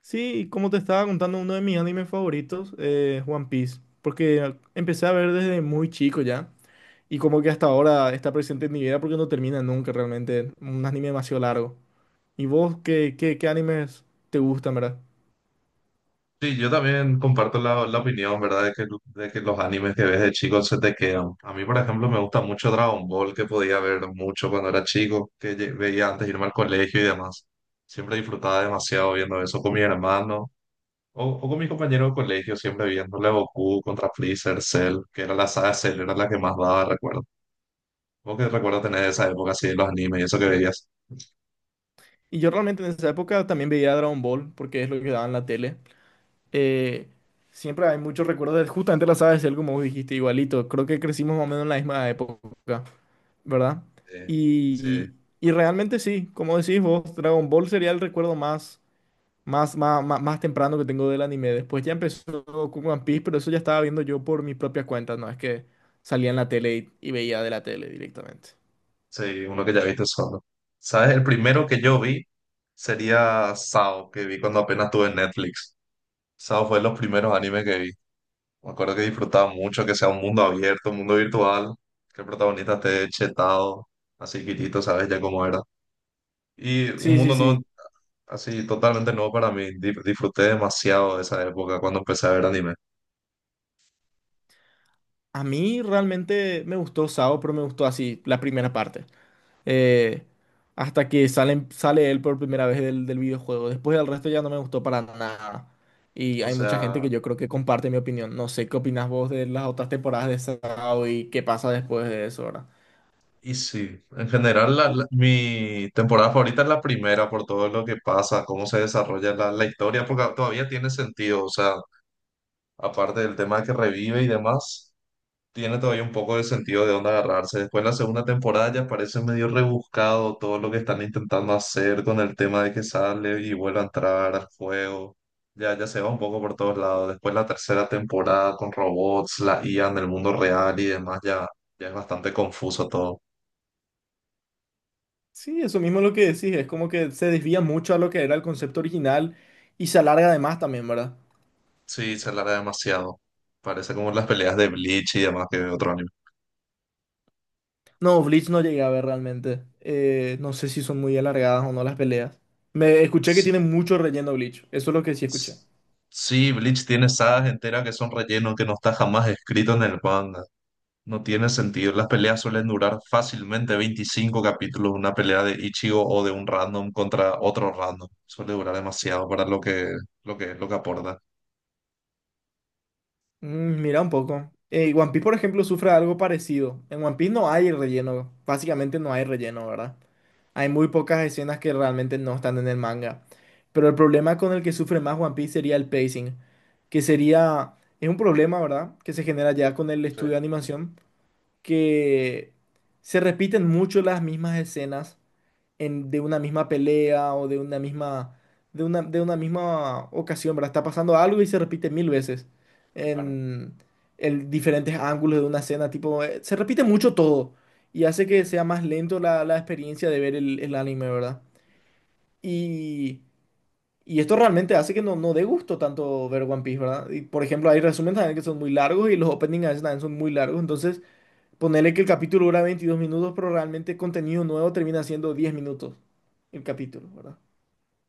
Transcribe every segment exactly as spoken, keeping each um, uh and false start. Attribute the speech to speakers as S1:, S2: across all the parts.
S1: Sí, como te estaba contando, uno de mis animes favoritos es One Piece, porque empecé a ver desde muy chico ya, y como que hasta ahora está presente en mi vida porque no termina nunca realmente, un anime demasiado largo. ¿Y vos qué, qué, qué animes te gustan, verdad?
S2: Sí, yo también comparto la, la opinión, ¿verdad? De que, de que los animes que ves de chicos se te quedan. A mí, por ejemplo, me gusta mucho Dragon Ball, que podía ver mucho cuando era chico, que lle- veía antes de irme al colegio y demás. Siempre disfrutaba demasiado viendo eso con mi hermano o, o con mi compañero de colegio, siempre viéndole Goku contra Freezer, Cell, que era la saga Cell, era la que más daba, recuerdo. ¿Vos qué recuerdo tener de esa época así de los animes y eso que veías?
S1: Y yo realmente en esa época también veía Dragon Ball, porque es lo que daba en la tele. Eh, Siempre hay muchos recuerdos de justamente la saga de Cell, como vos dijiste, igualito, creo que crecimos más o menos en la misma época. ¿Verdad?
S2: Sí,
S1: Y,
S2: sí.
S1: y realmente sí, como decís vos, Dragon Ball sería el recuerdo más, más, más, más, más temprano que tengo del anime. Después ya empezó con One Piece, pero eso ya estaba viendo yo por mi propia cuenta, no es que salía en la tele y, y veía de la tele directamente.
S2: Sí, uno que ya viste solo. ¿Sabes? El primero que yo vi sería Sao, que vi cuando apenas tuve Netflix. Sao fue de los primeros animes que vi. Me acuerdo que disfrutaba mucho que sea un mundo abierto, un mundo virtual, que el protagonista esté chetado, así quitito, ¿sabes? Ya cómo era. Y un
S1: Sí, sí,
S2: mundo no,
S1: sí.
S2: así totalmente nuevo para mí. Di- Disfruté demasiado de esa época cuando empecé a ver anime.
S1: A mí realmente me gustó Sao, pero me gustó así la primera parte, eh, hasta que salen- sale él por primera vez del, del videojuego. Después del resto ya no me gustó para nada. Y
S2: O
S1: hay mucha gente
S2: sea,
S1: que yo creo que comparte mi opinión. No sé qué opinas vos de las otras temporadas de Sao y qué pasa después de eso, ¿verdad?
S2: y sí, en general la- la- mi temporada favorita es la primera por todo lo que pasa, cómo se desarrolla la, la historia, porque todavía tiene sentido, o sea, aparte del tema que revive y demás, tiene todavía un poco de sentido de dónde agarrarse. Después la segunda temporada ya parece medio rebuscado todo lo que están intentando hacer con el tema de que sale y vuelve a entrar al juego. Ya, ya se va un poco por todos lados. Después la tercera temporada con robots, la I A en el mundo real y demás, ya, ya es bastante confuso todo.
S1: Sí, eso mismo es lo que decís. Es como que se desvía mucho a lo que era el concepto original y se alarga además también, ¿verdad?
S2: Sí, se alarga demasiado. Parece como las peleas de Bleach y demás que de otro anime.
S1: No, Bleach no llegué a ver realmente. Eh, no sé si son muy alargadas o no las peleas. Me escuché que
S2: Sí,
S1: tiene mucho relleno Bleach. Eso es lo que sí escuché.
S2: s- sí, Bleach tiene sagas enteras que son relleno, que no está jamás escrito en el manga. No tiene sentido. Las peleas suelen durar fácilmente veinticinco capítulos. Una pelea de Ichigo o de un random contra otro random. Suele durar demasiado para lo que, lo que, lo que aporta.
S1: Mm, mira un poco. Eh, One Piece, por ejemplo, sufre algo parecido. En One Piece no hay relleno. Básicamente no hay relleno, ¿verdad? Hay muy pocas escenas que realmente no están en el manga. Pero el problema con el que sufre más One Piece sería el pacing. Que sería... Es un problema, ¿verdad? Que se genera ya con el
S2: Sí,
S1: estudio de animación. Que se repiten mucho las mismas escenas en- de una misma pelea o de una misma, de una, de una misma ocasión, ¿verdad? Está pasando algo y se repite mil veces
S2: claro.
S1: en, en diferentes ángulos de una escena, tipo, eh, se repite mucho todo y hace que
S2: Sí.
S1: sea más lento la, la experiencia de ver el, el anime, ¿verdad? Y, y esto realmente hace que no, no dé gusto tanto ver One Piece, ¿verdad? Y, por ejemplo, hay resúmenes también que son muy largos y los openings a veces también son muy largos, entonces... Ponele que el capítulo dura veintidós minutos, pero realmente contenido nuevo termina siendo diez minutos el capítulo, ¿verdad?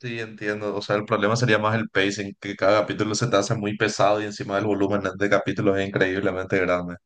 S2: Sí, entiendo. O sea, el problema sería más el pacing, que cada capítulo se te hace muy pesado y encima el volumen de capítulos es increíblemente grande.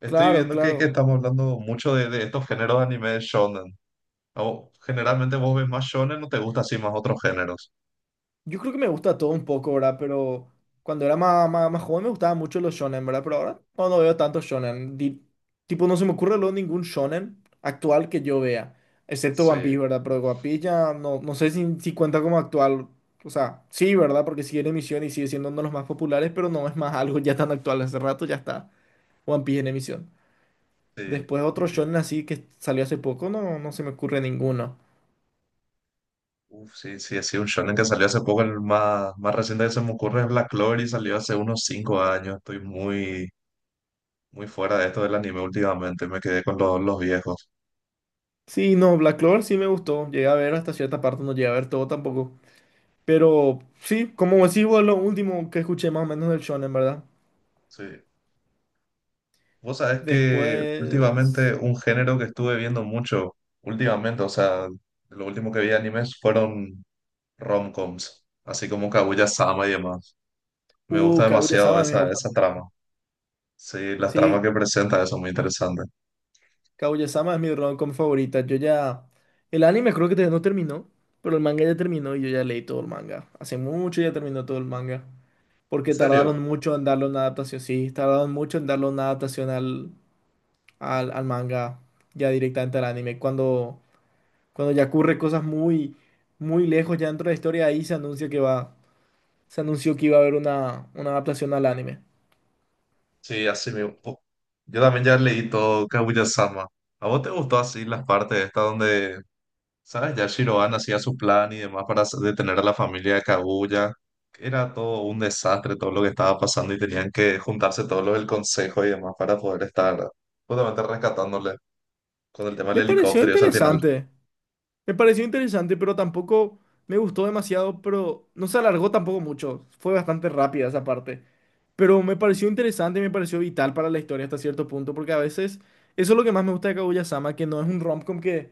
S2: Estoy
S1: Claro,
S2: viendo que, que
S1: claro.
S2: estamos hablando mucho de, de estos géneros de anime shonen. O, generalmente vos ves más shonen o te gusta así más otros géneros.
S1: Yo creo que me gusta todo un poco, ¿verdad? Pero cuando era más, más, más joven me gustaban mucho los shonen, ¿verdad? Pero ahora no, no veo tanto shonen. Di- tipo, no se me ocurre luego ningún shonen actual que yo vea, excepto One
S2: Sí,
S1: Piece, ¿verdad? Pero One Piece ya no, no sé si, si cuenta como actual. O sea, sí, ¿verdad? Porque sigue en emisión y sigue siendo uno de los más populares, pero no es más algo ya tan actual. Hace rato ya está One Piece en emisión.
S2: sí,
S1: Después otro
S2: entiendo.
S1: shonen así que salió hace poco, no, no se me ocurre ninguno.
S2: Uf, sí, sí, así un shonen que salió hace poco, el más, más reciente que se me ocurre es Black Clover y salió hace unos cinco años. Estoy muy, muy fuera de esto del anime últimamente, me quedé con los, los viejos.
S1: Sí, no, Black Clover sí me gustó. Llegué a ver hasta cierta parte, no llegué a ver todo tampoco. Pero sí, como decís vos, lo último que escuché más o menos del shonen, ¿verdad?
S2: Sí. Vos sabés que últimamente
S1: Después,
S2: un género que estuve viendo mucho, últimamente, o sea, lo último que vi de animes fueron rom-coms así como Kaguya-sama y demás. Me gusta
S1: uh,
S2: demasiado
S1: Kaguya-sama a mí me
S2: esa,
S1: gusta
S2: esa
S1: mucho.
S2: trama. Sí, las tramas
S1: Sí,
S2: que presenta son muy interesantes.
S1: Kaguya-sama es mi rom-com favorita. Yo ya, el anime creo que todavía no terminó, pero el manga ya terminó y yo ya leí todo el manga. Hace mucho ya terminó todo el manga.
S2: ¿En
S1: Porque
S2: serio?
S1: tardaron mucho en darle una adaptación, sí, tardaron mucho en darle una adaptación al al, al manga, ya directamente al anime. Cuando, cuando ya ocurre cosas muy, muy lejos ya dentro de la historia, ahí se anuncia que va, se anunció que iba a haber una, una adaptación al anime.
S2: Sí, así me... po- Yo también ya leí todo Kaguya-sama. ¿A vos te gustó así las partes estas donde, sabes, ya Shiroan hacía su plan y demás para s- detener a la familia de Kaguya? Era todo un desastre, todo lo que estaba pasando y tenían que juntarse todos los del consejo y demás para poder estar justamente rescatándole con el tema del
S1: Me pareció
S2: helicóptero y eso al final.
S1: interesante, me pareció interesante, pero tampoco me gustó demasiado, pero no se alargó tampoco mucho, fue bastante rápida esa parte. Pero me pareció interesante, me pareció vital para la historia hasta cierto punto, porque a veces eso es lo que más me gusta de Kaguya-sama, que no es un romcom que,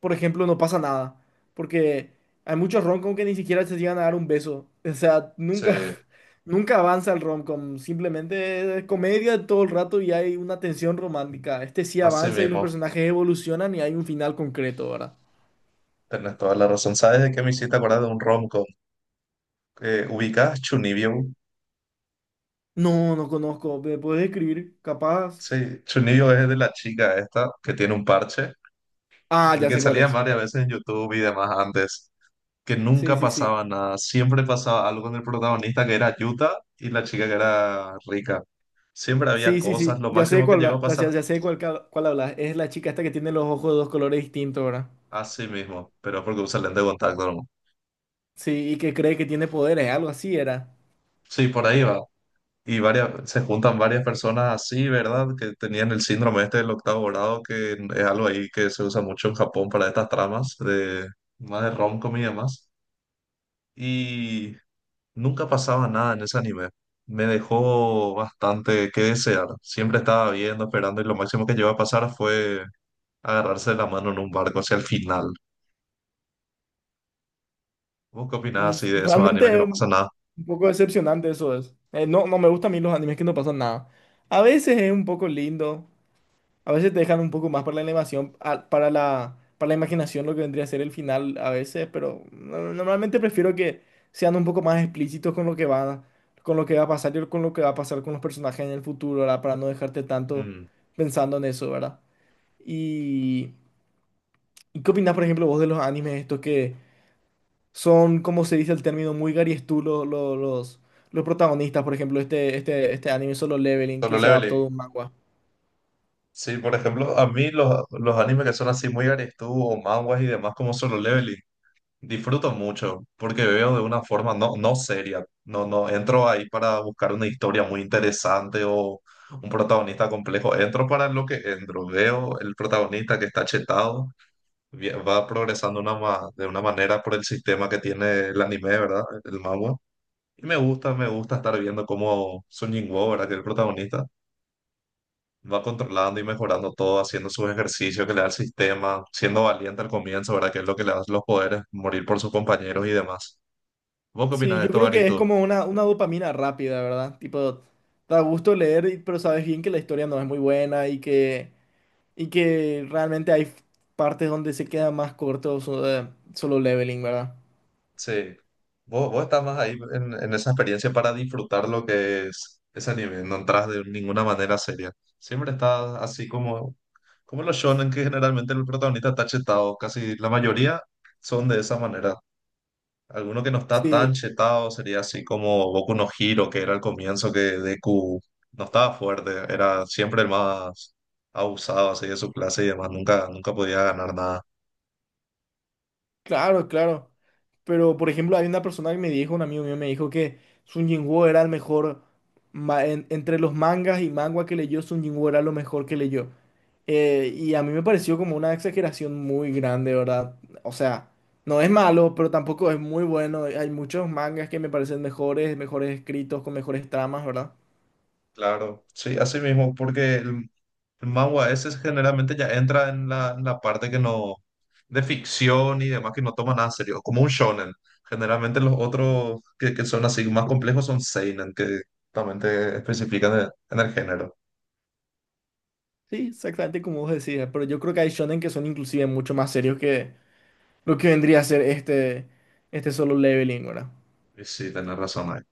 S1: por ejemplo, no pasa nada. Porque hay muchos romcom que ni siquiera se llegan a dar un beso. O sea,
S2: Sí.
S1: nunca, nunca avanza el romcom. Simplemente es comedia todo el rato y hay una tensión romántica. Este sí
S2: Así
S1: avanza y los
S2: mismo.
S1: personajes evolucionan y hay un final concreto, ¿verdad?
S2: Tenés toda la razón. ¿Sabes de qué me hiciste acordar de un romcom? Eh, ¿ubicás Chunibyo?
S1: No, no conozco. ¿Me puedes escribir? Capaz.
S2: Sí, Chunibyo es de la chica esta que tiene un parche,
S1: Ah,
S2: el
S1: ya
S2: que
S1: sé cuál
S2: salía
S1: es.
S2: varias veces en YouTube y demás antes, que
S1: Sí,
S2: nunca
S1: sí, sí.
S2: pasaba nada. Siempre pasaba algo con el protagonista que era Yuta y la chica que era rica. Siempre había
S1: Sí, sí,
S2: cosas,
S1: sí.
S2: lo
S1: Ya sé
S2: máximo que
S1: cuál,
S2: llegó a
S1: habla- ya,
S2: pasar,
S1: ya sé cuál, ca- cuál hablas. Es la chica esta que tiene los ojos de dos colores distintos, ¿verdad?
S2: así mismo, pero porque un excelente contacto, ¿no?
S1: Sí, y que cree que tiene poderes, algo así era.
S2: Sí, por ahí va. Y varias, se juntan varias personas así, ¿verdad? Que tenían el síndrome este del octavo grado, que es algo ahí que se usa mucho en Japón para estas tramas de más de rom y demás. Y nunca pasaba nada en ese anime. Me dejó bastante que desear. Siempre estaba viendo, esperando, y lo máximo que llegó a pasar fue agarrarse la mano en un barco hacia el final. ¿Vos qué
S1: Y
S2: opinás
S1: es-
S2: así de esos
S1: realmente
S2: animes que
S1: es
S2: no pasa
S1: un
S2: nada?
S1: un poco decepcionante eso es. Eh, no, no me gustan a mí los animes que no pasan nada. A veces es un poco lindo, a veces te dejan un poco más para la animación, a- para la, para la imaginación lo que vendría a ser el final a veces, pero no- normalmente prefiero que sean un poco más explícitos con lo que va, con lo que va a pasar y con lo que va a pasar con los personajes en el futuro, ¿verdad? Para no dejarte tanto
S2: Mm.
S1: pensando en eso, ¿verdad? Y, ¿y qué opinas, por ejemplo, vos de los animes estos que son, como se dice el término, muy Gary's tú los, los, los, los protagonistas, por ejemplo, este, este, este anime Solo Leveling
S2: Solo
S1: que se adaptó
S2: Leveling.
S1: de un manga.
S2: Sí, por ejemplo, a mí los, los animes que son así muy Arestu o manhwas y demás como Solo Leveling, disfruto mucho porque veo de una forma no, no seria. No, no entro ahí para buscar una historia muy interesante o un protagonista complejo. Entro para lo que entro. Veo el protagonista que está chetado, vi- va progresando una, ma- de una manera por el sistema que tiene el anime, ¿verdad? El manhwa. Y me gusta, me gusta estar viendo cómo Sung Jin Woo, ¿verdad? Que es el protagonista va controlando y mejorando todo, haciendo sus ejercicios que le da el sistema, siendo valiente al comienzo, ¿verdad? Que es lo que le da los poderes, morir por sus compañeros y demás. ¿Vos qué opinas
S1: Sí,
S2: de
S1: yo
S2: esto,
S1: creo
S2: Gary,
S1: que es
S2: tú?
S1: como una, una dopamina rápida, ¿verdad? Tipo, da gusto leer, y- pero sabes bien que la historia no es muy buena y que, y que realmente hay partes donde se queda más corto so- eh, Solo Leveling, ¿verdad?
S2: Sí. Vos, vos estás más ahí en, en esa experiencia para disfrutar lo que es ese anime, no entras de ninguna manera seria. Siempre estás así como, como los shonen, que generalmente el protagonista está chetado, casi la mayoría son de esa manera. Alguno que no está tan
S1: Sí,
S2: chetado sería así como Boku no Hero, que era el comienzo que Deku no estaba fuerte, era siempre el más abusado así de su clase y demás, nunca, nunca podía ganar nada.
S1: claro, claro. Pero, por ejemplo, hay una persona que me dijo, un amigo mío me dijo que Sun Jinwoo era el mejor, ma- en- entre los mangas y manga que leyó, Sun Jinwoo era lo mejor que leyó. Eh, y a mí me pareció como una exageración muy grande, ¿verdad? O sea, no es malo, pero tampoco es muy bueno. Hay muchos mangas que me parecen mejores, mejores escritos, con mejores tramas, ¿verdad?
S2: Claro, sí, así mismo, porque el, el manga ese generalmente ya entra en la, en la parte que no, de ficción y demás, que no toma nada serio, como un shonen. Generalmente los otros que, que son así más complejos son seinen, que también te especifican en, en el género.
S1: Sí, exactamente como vos decías, pero yo creo que hay shonen que son inclusive mucho más serios que lo que vendría a ser este, este Solo Leveling, ¿verdad?
S2: Y sí, tenés razón ahí.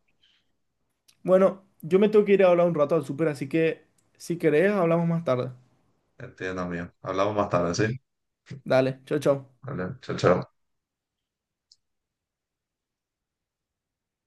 S1: Bueno, yo me tengo que ir a hablar un rato al súper, así que si querés, hablamos más tarde.
S2: Entiendo, amigo. Hablamos más tarde, ¿sí?
S1: Dale, chao, chao.
S2: Vale, chao, chao.